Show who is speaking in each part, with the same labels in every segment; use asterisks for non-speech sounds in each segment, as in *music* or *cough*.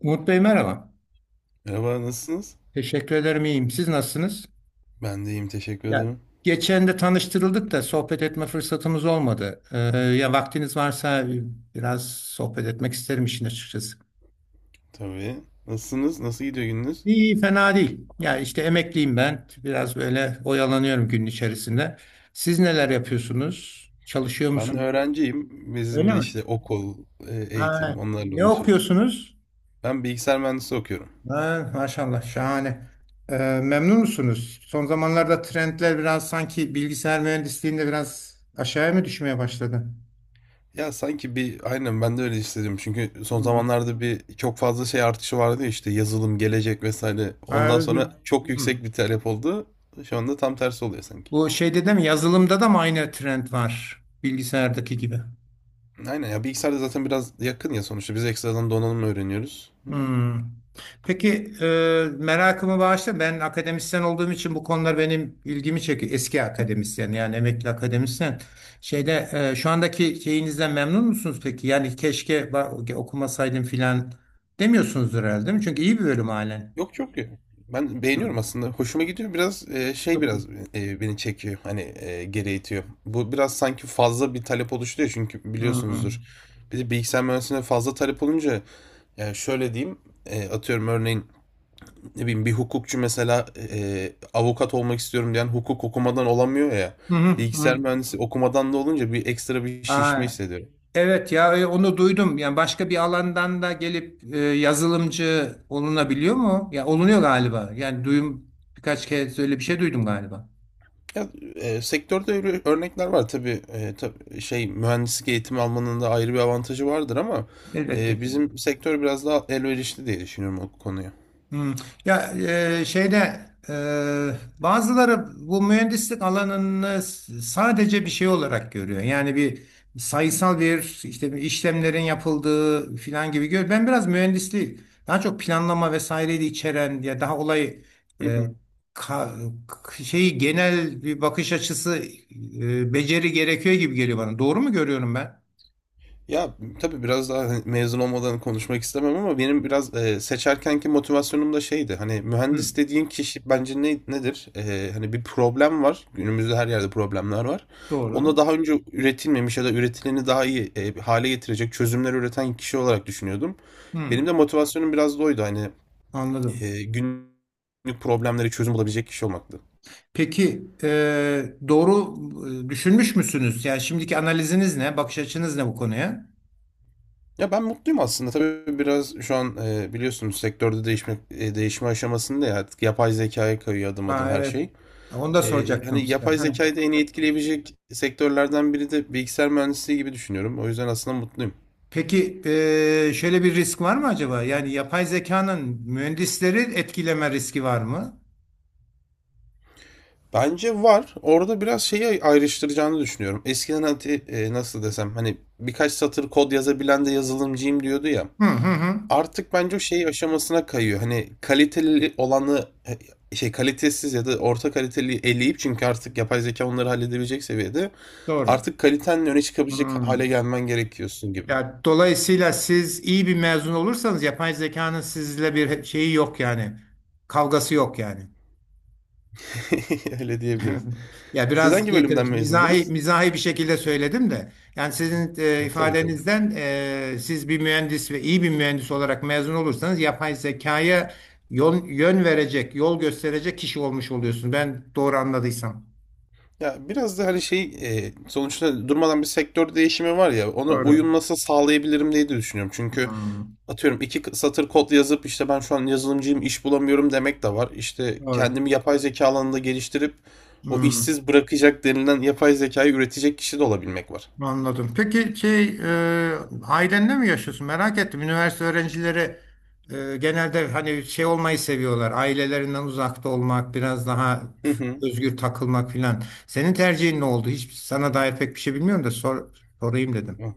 Speaker 1: Umut Bey merhaba.
Speaker 2: Merhaba, nasılsınız?
Speaker 1: Teşekkür ederim iyiyim. Siz nasılsınız?
Speaker 2: Ben de iyiyim, teşekkür
Speaker 1: Ya
Speaker 2: ederim.
Speaker 1: geçen de tanıştırıldık da sohbet etme fırsatımız olmadı. Ya vaktiniz varsa biraz sohbet etmek isterim işin açıkçası.
Speaker 2: Tabii. Nasılsınız? Nasıl gidiyor gününüz?
Speaker 1: İyi, fena değil. Ya işte emekliyim ben. Biraz böyle oyalanıyorum günün içerisinde. Siz neler yapıyorsunuz? Çalışıyor
Speaker 2: Ben de
Speaker 1: musunuz?
Speaker 2: öğrenciyim. Bizim
Speaker 1: Öyle
Speaker 2: de
Speaker 1: mi?
Speaker 2: işte okul,
Speaker 1: Ha,
Speaker 2: eğitim, onlarla
Speaker 1: ne
Speaker 2: uğraşıyoruz.
Speaker 1: okuyorsunuz?
Speaker 2: Ben bilgisayar mühendisliği okuyorum.
Speaker 1: Ha, maşallah şahane. Memnun musunuz? Son zamanlarda trendler biraz sanki bilgisayar mühendisliğinde biraz aşağıya mı düşmeye başladı?
Speaker 2: Ya sanki bir, aynen ben de öyle istedim. Çünkü son
Speaker 1: Hmm.
Speaker 2: zamanlarda bir çok fazla şey artışı vardı ya işte yazılım, gelecek vesaire.
Speaker 1: Ha.
Speaker 2: Ondan sonra çok
Speaker 1: Hmm.
Speaker 2: yüksek bir talep oldu. Şu anda tam tersi oluyor sanki.
Speaker 1: Bu şeyde de mi yazılımda da mı aynı trend var bilgisayardaki gibi?
Speaker 2: Aynen ya bilgisayarda zaten biraz yakın ya sonuçta. Biz ekstradan donanım öğreniyoruz.
Speaker 1: Hmm. Peki merakımı bağışla. Ben akademisyen olduğum için bu konular benim ilgimi çekiyor. Eski akademisyen yani emekli akademisyen. Şu andaki şeyinizden memnun musunuz peki? Yani keşke okumasaydım filan demiyorsunuzdur herhalde değil mi? Çünkü iyi bir bölüm halen.
Speaker 2: Yok yok yok. Ben beğeniyorum
Speaker 1: Hmm.
Speaker 2: aslında. Hoşuma gidiyor. Biraz şey
Speaker 1: Çok iyi.
Speaker 2: biraz beni çekiyor. Hani geri itiyor. Bu biraz sanki fazla bir talep oluşturuyor çünkü biliyorsunuzdur.
Speaker 1: Hmm.
Speaker 2: Bir de bilgisayar mühendisliğine fazla talep olunca yani şöyle diyeyim atıyorum örneğin ne bileyim bir hukukçu mesela avukat olmak istiyorum diyen hukuk okumadan olamıyor ya.
Speaker 1: Hı hı,
Speaker 2: Bilgisayar
Speaker 1: hı.
Speaker 2: mühendisi okumadan da olunca bir ekstra bir
Speaker 1: Aa,
Speaker 2: şişme hissediyorum.
Speaker 1: evet ya onu duydum. Yani başka bir alandan da gelip yazılımcı olunabiliyor mu? Ya olunuyor galiba. Yani duyum birkaç kez öyle bir şey duydum galiba.
Speaker 2: Ya, Sektörde öyle örnekler var tabii, şey mühendislik eğitimi almanın da ayrı bir avantajı vardır ama
Speaker 1: Elbette ki.
Speaker 2: bizim sektör biraz daha elverişli diye düşünüyorum o konuya.
Speaker 1: Hmm. Ya e, şeyde bazıları bu mühendislik alanını sadece bir şey olarak görüyor. Yani bir sayısal bir işte bir işlemlerin yapıldığı filan gibi görüyor. Ben biraz mühendisliği daha çok planlama vesaireyi de içeren ya daha olay e,
Speaker 2: *laughs*
Speaker 1: ka- k- şeyi genel bir bakış açısı beceri gerekiyor gibi geliyor bana. Doğru mu görüyorum ben?
Speaker 2: Ya tabii biraz daha hani mezun olmadan konuşmak istemem ama benim biraz seçerkenki motivasyonum da şeydi. Hani mühendis
Speaker 1: Hmm,
Speaker 2: dediğin kişi bence ne, nedir? E, hani bir problem var. Günümüzde her yerde problemler var.
Speaker 1: doğru.
Speaker 2: Onda daha önce üretilmemiş ya da üretileni daha iyi hale getirecek çözümler üreten kişi olarak düşünüyordum. Benim de
Speaker 1: Hmm,
Speaker 2: motivasyonum biraz da oydu. Hani
Speaker 1: anladım.
Speaker 2: günlük problemleri çözüm bulabilecek kişi olmaktı.
Speaker 1: Peki doğru düşünmüş müsünüz? Yani şimdiki analiziniz ne? Bakış açınız ne bu konuya?
Speaker 2: Ya ben mutluyum aslında. Tabii biraz şu an biliyorsunuz sektörde değişme değişme aşamasında ya artık yapay zekaya kayıyor adım adım
Speaker 1: Ha,
Speaker 2: her
Speaker 1: evet.
Speaker 2: şey.
Speaker 1: Onu da
Speaker 2: E, hani
Speaker 1: soracaktım size.
Speaker 2: yapay
Speaker 1: Ha.
Speaker 2: zekayı da en iyi etkileyebilecek sektörlerden biri de bilgisayar mühendisliği gibi düşünüyorum. O yüzden aslında mutluyum.
Speaker 1: Peki şöyle bir risk var mı acaba? Yani yapay zekanın mühendisleri etkileme riski var mı?
Speaker 2: Bence var. Orada biraz şeyi ayrıştıracağını düşünüyorum. Eskiden hadi, nasıl desem hani birkaç satır kod yazabilen de yazılımcıyım diyordu ya.
Speaker 1: Hı hı hı.
Speaker 2: Artık bence o şey aşamasına kayıyor. Hani kaliteli olanı şey kalitesiz ya da orta kaliteli eleyip çünkü artık yapay zeka onları halledebilecek seviyede
Speaker 1: Doğru.
Speaker 2: artık kalitenin öne çıkabilecek
Speaker 1: Hmm.
Speaker 2: hale gelmen gerekiyorsun gibi.
Speaker 1: Ya dolayısıyla siz iyi bir mezun olursanız yapay zekanın sizle bir şeyi yok yani. Kavgası yok yani.
Speaker 2: *laughs* Öyle diyebiliriz.
Speaker 1: *laughs* Ya
Speaker 2: Siz
Speaker 1: biraz
Speaker 2: hangi
Speaker 1: şey, tabii
Speaker 2: bölümden
Speaker 1: ki mizahi
Speaker 2: mezundunuz?
Speaker 1: mizahi bir şekilde söyledim de yani sizin
Speaker 2: E, tabii tabii.
Speaker 1: ifadenizden siz bir mühendis ve iyi bir mühendis olarak mezun olursanız yapay zekaya yol, yön verecek, yol gösterecek kişi olmuş oluyorsun. Ben doğru anladıysam.
Speaker 2: Ya biraz da hani şey sonuçta durmadan bir sektör değişimi var ya ona
Speaker 1: Doğru.
Speaker 2: uyum nasıl sağlayabilirim diye de düşünüyorum. Çünkü
Speaker 1: Hmm,
Speaker 2: atıyorum satır kod yazıp işte ben şu an yazılımcıyım iş bulamıyorum demek de var. İşte
Speaker 1: doğru.
Speaker 2: kendimi yapay zeka alanında geliştirip o
Speaker 1: Hmm.
Speaker 2: işsiz bırakacak denilen yapay zekayı üretecek kişi de olabilmek var.
Speaker 1: Anladım. Peki ailenle mi yaşıyorsun? Merak ettim. Üniversite öğrencileri genelde hani şey olmayı seviyorlar. Ailelerinden uzakta olmak, biraz daha
Speaker 2: *laughs*
Speaker 1: özgür takılmak filan. Senin tercihin ne oldu? Hiç sana dair pek bir şey bilmiyorum da sorayım dedim.
Speaker 2: Hı.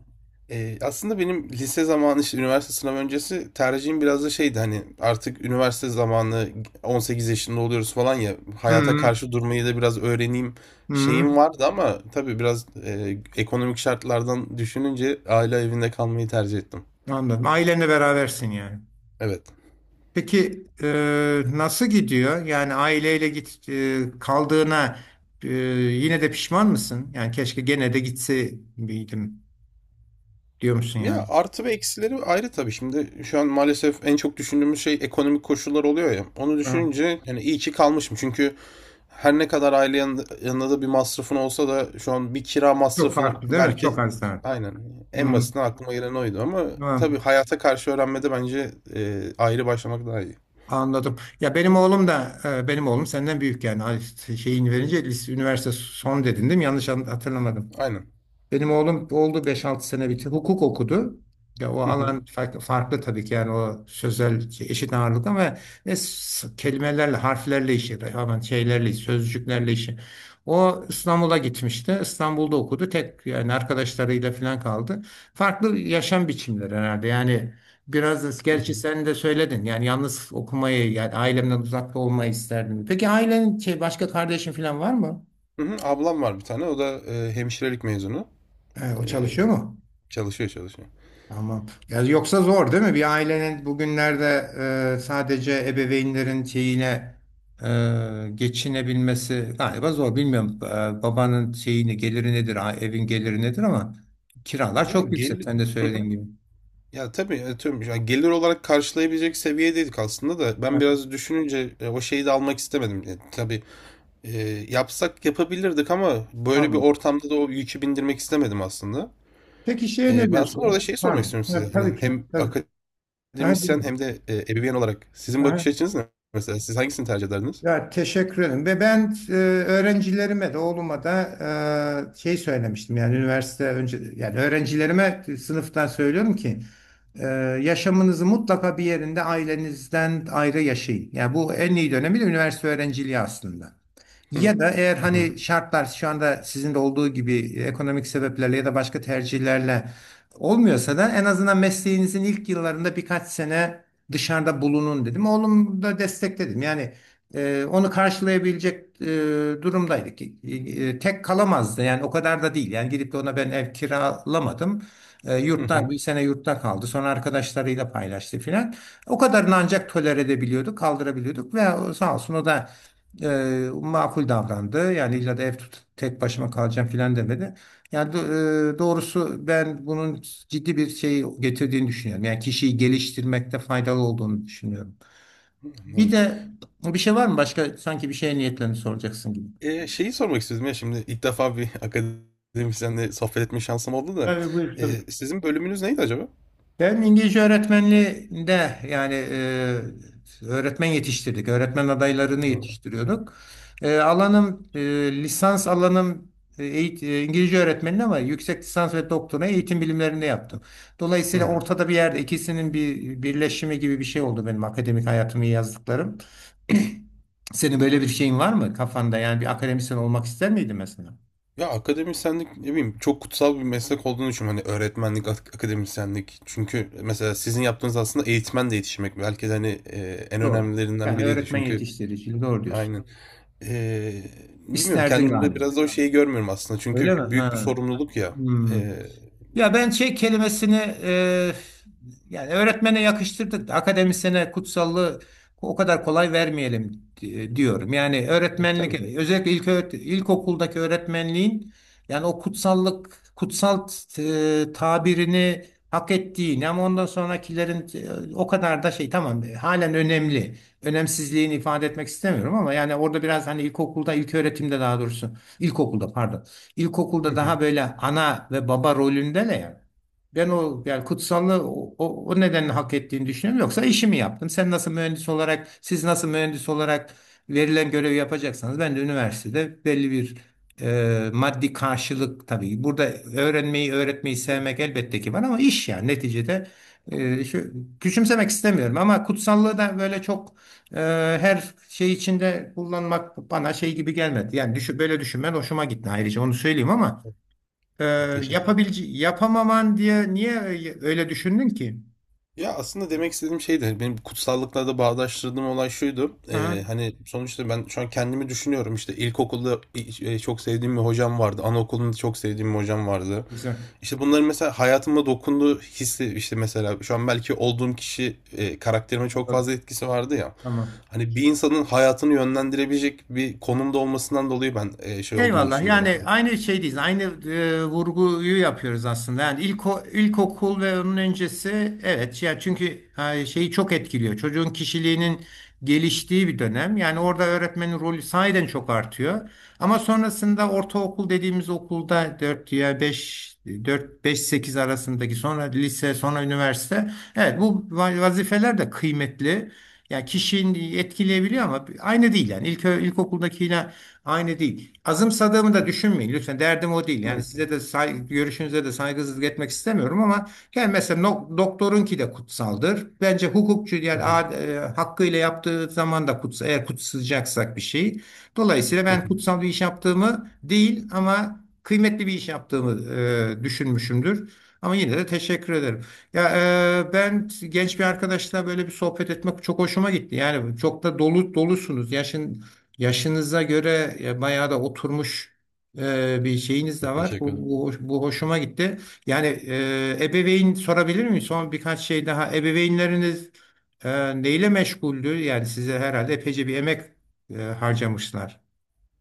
Speaker 2: Aslında benim lise zamanı işte üniversite sınavı öncesi tercihim biraz da şeydi hani artık üniversite zamanı 18 yaşında oluyoruz falan ya
Speaker 1: Hı
Speaker 2: hayata
Speaker 1: hı.
Speaker 2: karşı durmayı da biraz öğreneyim şeyim
Speaker 1: hı.
Speaker 2: vardı ama tabii biraz ekonomik şartlardan düşününce aile evinde kalmayı tercih ettim.
Speaker 1: Anladım. Ailenle berabersin yani.
Speaker 2: Evet.
Speaker 1: Peki nasıl gidiyor? Yani aileyle kaldığına e, yine de pişman mısın? Yani keşke gene de gitse miydim. Diyor musun yani?
Speaker 2: Ya artı ve eksileri ayrı tabii. Şimdi şu an maalesef en çok düşündüğümüz şey ekonomik koşullar oluyor ya. Onu
Speaker 1: Ha,
Speaker 2: düşününce yani iyi ki kalmışım. Çünkü her ne kadar aile yanında, yanında da bir masrafın olsa da şu an bir kira
Speaker 1: çok
Speaker 2: masrafını
Speaker 1: farklı değil mi?
Speaker 2: belki
Speaker 1: Çok az daha.
Speaker 2: aynen en
Speaker 1: Hmm,
Speaker 2: basitinden aklıma gelen oydu ama
Speaker 1: tamam.
Speaker 2: tabii hayata karşı öğrenmede bence ayrı başlamak daha iyi.
Speaker 1: Anladım. Ya benim oğlum da benim oğlum senden büyük yani Ay, şeyini verince lise, üniversite son dedin değil mi? Yanlış hatırlamadım.
Speaker 2: Aynen.
Speaker 1: Benim oğlum oldu beş altı sene bitti. Hukuk okudu. Ya o
Speaker 2: Hı hı.
Speaker 1: alan farklı, farklı tabii ki yani o sözel şey, eşit ağırlık ama ve kelimelerle, harflerle işi, hemen şeylerle, sözcüklerle işi. O İstanbul'a gitmişti. İstanbul'da okudu. Tek yani arkadaşlarıyla falan kaldı. Farklı yaşam biçimleri herhalde. Yani biraz da
Speaker 2: Hı
Speaker 1: gerçi
Speaker 2: hı.
Speaker 1: sen de söyledin. Yani yalnız okumayı yani ailemden uzakta olmayı isterdim. Peki ailenin şey başka kardeşin falan var mı?
Speaker 2: Hı hı. Ablam var bir tane. O da hemşirelik mezunu.
Speaker 1: O
Speaker 2: E,
Speaker 1: çalışıyor mu?
Speaker 2: Çalışıyor çalışıyor.
Speaker 1: Tamam. Ya yoksa zor değil mi? Bir ailenin bugünlerde sadece ebeveynlerin şeyine geçinebilmesi galiba zor. Bilmiyorum babanın geliri nedir, evin geliri nedir ama kiralar
Speaker 2: Ya
Speaker 1: çok yüksek.
Speaker 2: gel
Speaker 1: Sen de söylediğin
Speaker 2: *laughs*
Speaker 1: gibi.
Speaker 2: Ya tabii atıyorum yani gelir olarak karşılayabilecek seviyedeydik aslında da ben
Speaker 1: Evet,
Speaker 2: biraz düşününce o şeyi de almak istemedim. E, tabii e, yapsak yapabilirdik ama böyle bir
Speaker 1: anladım.
Speaker 2: ortamda da o yükü bindirmek istemedim aslında.
Speaker 1: Peki şeye ne
Speaker 2: E, ben aslında orada
Speaker 1: diyorsun?
Speaker 2: şeyi sormak
Speaker 1: Pardon.
Speaker 2: istiyorum size.
Speaker 1: Ha, tabii
Speaker 2: Hani
Speaker 1: ki.
Speaker 2: hem
Speaker 1: Tabii. Ha,
Speaker 2: akademisyen
Speaker 1: dinliyorum.
Speaker 2: hem de ebeveyn olarak sizin bakış açınız ne? Mesela siz hangisini tercih ederdiniz?
Speaker 1: Ya teşekkür ederim. Ve ben öğrencilerime de oğluma da söylemiştim yani üniversite önce yani öğrencilerime sınıftan söylüyorum ki e, yaşamınızı mutlaka bir yerinde ailenizden ayrı yaşayın. Yani bu en iyi dönemi de üniversite öğrenciliği aslında.
Speaker 2: Hı
Speaker 1: Ya da eğer
Speaker 2: hı
Speaker 1: hani şartlar şu anda sizin de olduğu gibi ekonomik sebeplerle ya da başka tercihlerle olmuyorsa da en azından mesleğinizin ilk yıllarında birkaç sene dışarıda bulunun dedim. Oğlum da destekledim. Yani onu karşılayabilecek durumdaydık. Tek kalamazdı yani o kadar da değil. Yani gidip de ona ben ev kiralamadım. E,
Speaker 2: hı
Speaker 1: yurtta
Speaker 2: hı,
Speaker 1: bir sene yurtta kaldı. Sonra arkadaşlarıyla paylaştı filan. O kadarını ancak tolere edebiliyorduk, kaldırabiliyorduk ve sağ olsun o da makul davrandı. Yani illa da ev tut, tek başıma kalacağım filan demedi. Yani doğrusu ben bunun ciddi bir şey getirdiğini düşünüyorum. Yani kişiyi geliştirmekte faydalı olduğunu düşünüyorum. Bir
Speaker 2: anladım.
Speaker 1: de bir şey var mı? Başka sanki bir şeye niyetlerini soracaksın gibi.
Speaker 2: Şeyi sormak istiyordum ya şimdi ilk defa bir *laughs* akademisyenle sohbet etme şansım oldu da.
Speaker 1: Yani buyur tabii.
Speaker 2: Sizin bölümünüz neydi acaba?
Speaker 1: Ben İngilizce öğretmenliğinde yani öğretmen yetiştirdik. Öğretmen adaylarını
Speaker 2: Hı.
Speaker 1: yetiştiriyorduk. E, alanım e, lisans alanım İngilizce öğretmenliği ama yüksek lisans ve doktora eğitim bilimlerinde yaptım. Dolayısıyla
Speaker 2: Hı.
Speaker 1: ortada bir yerde ikisinin bir birleşimi gibi bir şey oldu benim akademik hayatımı yazdıklarım. *clears throat* Senin böyle bir şeyin var mı kafanda? Yani bir akademisyen olmak ister miydin mesela?
Speaker 2: Ya akademisyenlik ne bileyim çok kutsal bir meslek olduğunu düşünüyorum. Hani öğretmenlik, akademisyenlik. Çünkü mesela sizin yaptığınız aslında eğitmenle yetişmek. Belki de hani en
Speaker 1: Doğru.
Speaker 2: önemlilerinden
Speaker 1: Yani
Speaker 2: biriydi.
Speaker 1: öğretmen
Speaker 2: Çünkü
Speaker 1: yetiştiriciliği doğru diyorsun.
Speaker 2: aynen. Eee, Bilmiyorum
Speaker 1: İsterdin
Speaker 2: kendimde
Speaker 1: galiba.
Speaker 2: biraz da o şeyi görmüyorum aslında.
Speaker 1: Öyle
Speaker 2: Çünkü
Speaker 1: mi?
Speaker 2: büyük bir
Speaker 1: Ha.
Speaker 2: sorumluluk ya.
Speaker 1: Hmm.
Speaker 2: Eee
Speaker 1: Ya ben şey kelimesini e, yani öğretmene yakıştırdık da akademisyene kutsallığı o kadar kolay vermeyelim diyorum. Yani öğretmenlik
Speaker 2: tabii.
Speaker 1: evet, özellikle ilk ilkokuldaki öğretmenliğin yani o kutsallık kutsal tabirini hak ettiğini ama ondan sonrakilerin o kadar da şey tamam halen önemli. Önemsizliğini ifade etmek istemiyorum ama yani orada biraz hani ilkokulda ilk öğretimde daha doğrusu ilkokulda pardon.
Speaker 2: Hı
Speaker 1: İlkokulda daha
Speaker 2: hı.
Speaker 1: böyle ana ve baba rolünde ne yani? Ben o yani kutsallığı o nedenle hak ettiğini düşünüyorum. Yoksa işimi yaptım. Sen nasıl mühendis olarak, siz nasıl mühendis olarak verilen görevi yapacaksanız ben de üniversitede belli bir maddi karşılık tabii. Burada öğrenmeyi, öğretmeyi
Speaker 2: Tabii.
Speaker 1: sevmek elbette ki var ama iş yani neticede e, şu, küçümsemek istemiyorum ama kutsallığı da böyle çok her şey içinde kullanmak bana şey gibi gelmedi. Yani düşün, böyle düşünmen hoşuma gitti ayrıca onu söyleyeyim ama e,
Speaker 2: Teşekkür
Speaker 1: yapabilece yapamaman diye niye öyle düşündün ki?
Speaker 2: Ya aslında demek istediğim şey de benim kutsallıkla da bağdaştırdığım olay şuydu.
Speaker 1: Aha,
Speaker 2: Hani sonuçta ben şu an kendimi düşünüyorum İşte ilkokulda çok sevdiğim bir hocam vardı. Anaokulunda çok sevdiğim bir hocam vardı.
Speaker 1: güzel.
Speaker 2: İşte bunların mesela hayatıma dokunduğu hissi işte mesela şu an belki olduğum kişi karakterime çok fazla
Speaker 1: Anladım.
Speaker 2: etkisi vardı ya.
Speaker 1: Tamam.
Speaker 2: Hani bir insanın hayatını yönlendirebilecek bir konumda olmasından dolayı ben şey olduğunu
Speaker 1: Eyvallah.
Speaker 2: düşünüyorum.
Speaker 1: Yani aynı şeydeyiz. Aynı vurguyu yapıyoruz aslında. Yani ilkokul ve onun öncesi evet ya çünkü şeyi çok etkiliyor. Çocuğun kişiliğinin geliştiği bir dönem. Yani orada öğretmenin rolü sahiden çok artıyor. Ama sonrasında ortaokul dediğimiz okulda 4 ya 5, 4 5 8 arasındaki sonra lise, sonra üniversite. Evet bu vazifeler de kıymetli. Yani kişinin etkileyebiliyor ama aynı değil yani. İlk ilkokuldakiyle aynı değil. Azımsadığımı da düşünmeyin. Lütfen derdim o değil. Yani
Speaker 2: Evet.
Speaker 1: size de görüşünüze de saygısızlık etmek istemiyorum ama yani mesela doktorunki de kutsaldır. Bence hukukçu yani
Speaker 2: *laughs*
Speaker 1: hakkıyla yaptığı zaman da kutsal, eğer kutsayacaksak bir şey. Dolayısıyla ben kutsal bir iş yaptığımı değil ama kıymetli bir iş yaptığımı düşünmüşümdür. Ama yine de teşekkür ederim. Ya ben genç bir arkadaşla böyle bir sohbet etmek çok hoşuma gitti. Yani çok da dolu dolusunuz. Yaşınıza göre bayağı da oturmuş bir şeyiniz de
Speaker 2: Çok
Speaker 1: var.
Speaker 2: teşekkür
Speaker 1: Bu,
Speaker 2: ederim.
Speaker 1: bu, hoş- bu hoşuma gitti. Yani ebeveyn sorabilir miyim? Son birkaç şey daha. Ebeveynleriniz neyle meşguldü? Yani size herhalde epeyce bir emek harcamışlar.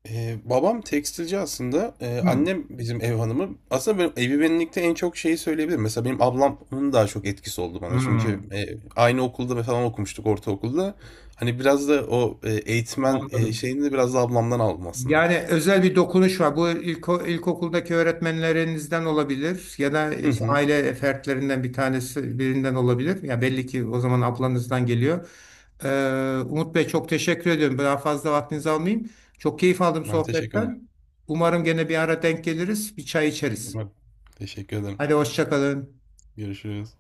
Speaker 2: Babam tekstilci aslında.
Speaker 1: Hmm.
Speaker 2: Annem bizim ev hanımı. Aslında benim evi benlikte en çok şeyi söyleyebilirim. Mesela benim ablamın daha çok etkisi oldu bana. Çünkü
Speaker 1: Hmm.
Speaker 2: aynı okulda falan okumuştuk ortaokulda. Hani biraz da o eğitmen
Speaker 1: Anladım.
Speaker 2: şeyini de biraz da ablamdan aldım aslında.
Speaker 1: Yani özel bir dokunuş var. Bu ilkokuldaki öğretmenlerinizden olabilir ya da
Speaker 2: Hı
Speaker 1: işte
Speaker 2: hı.
Speaker 1: aile fertlerinden bir tanesi birinden olabilir. Ya belli ki o zaman ablanızdan geliyor. Ee, Umut Bey çok teşekkür ediyorum. Daha fazla vaktinizi almayayım. Çok keyif aldım
Speaker 2: Ben teşekkür ederim.
Speaker 1: sohbetten. Umarım gene bir ara denk geliriz, bir çay içeriz.
Speaker 2: Ben teşekkür ederim.
Speaker 1: Hadi hoşça kalın.
Speaker 2: Görüşürüz.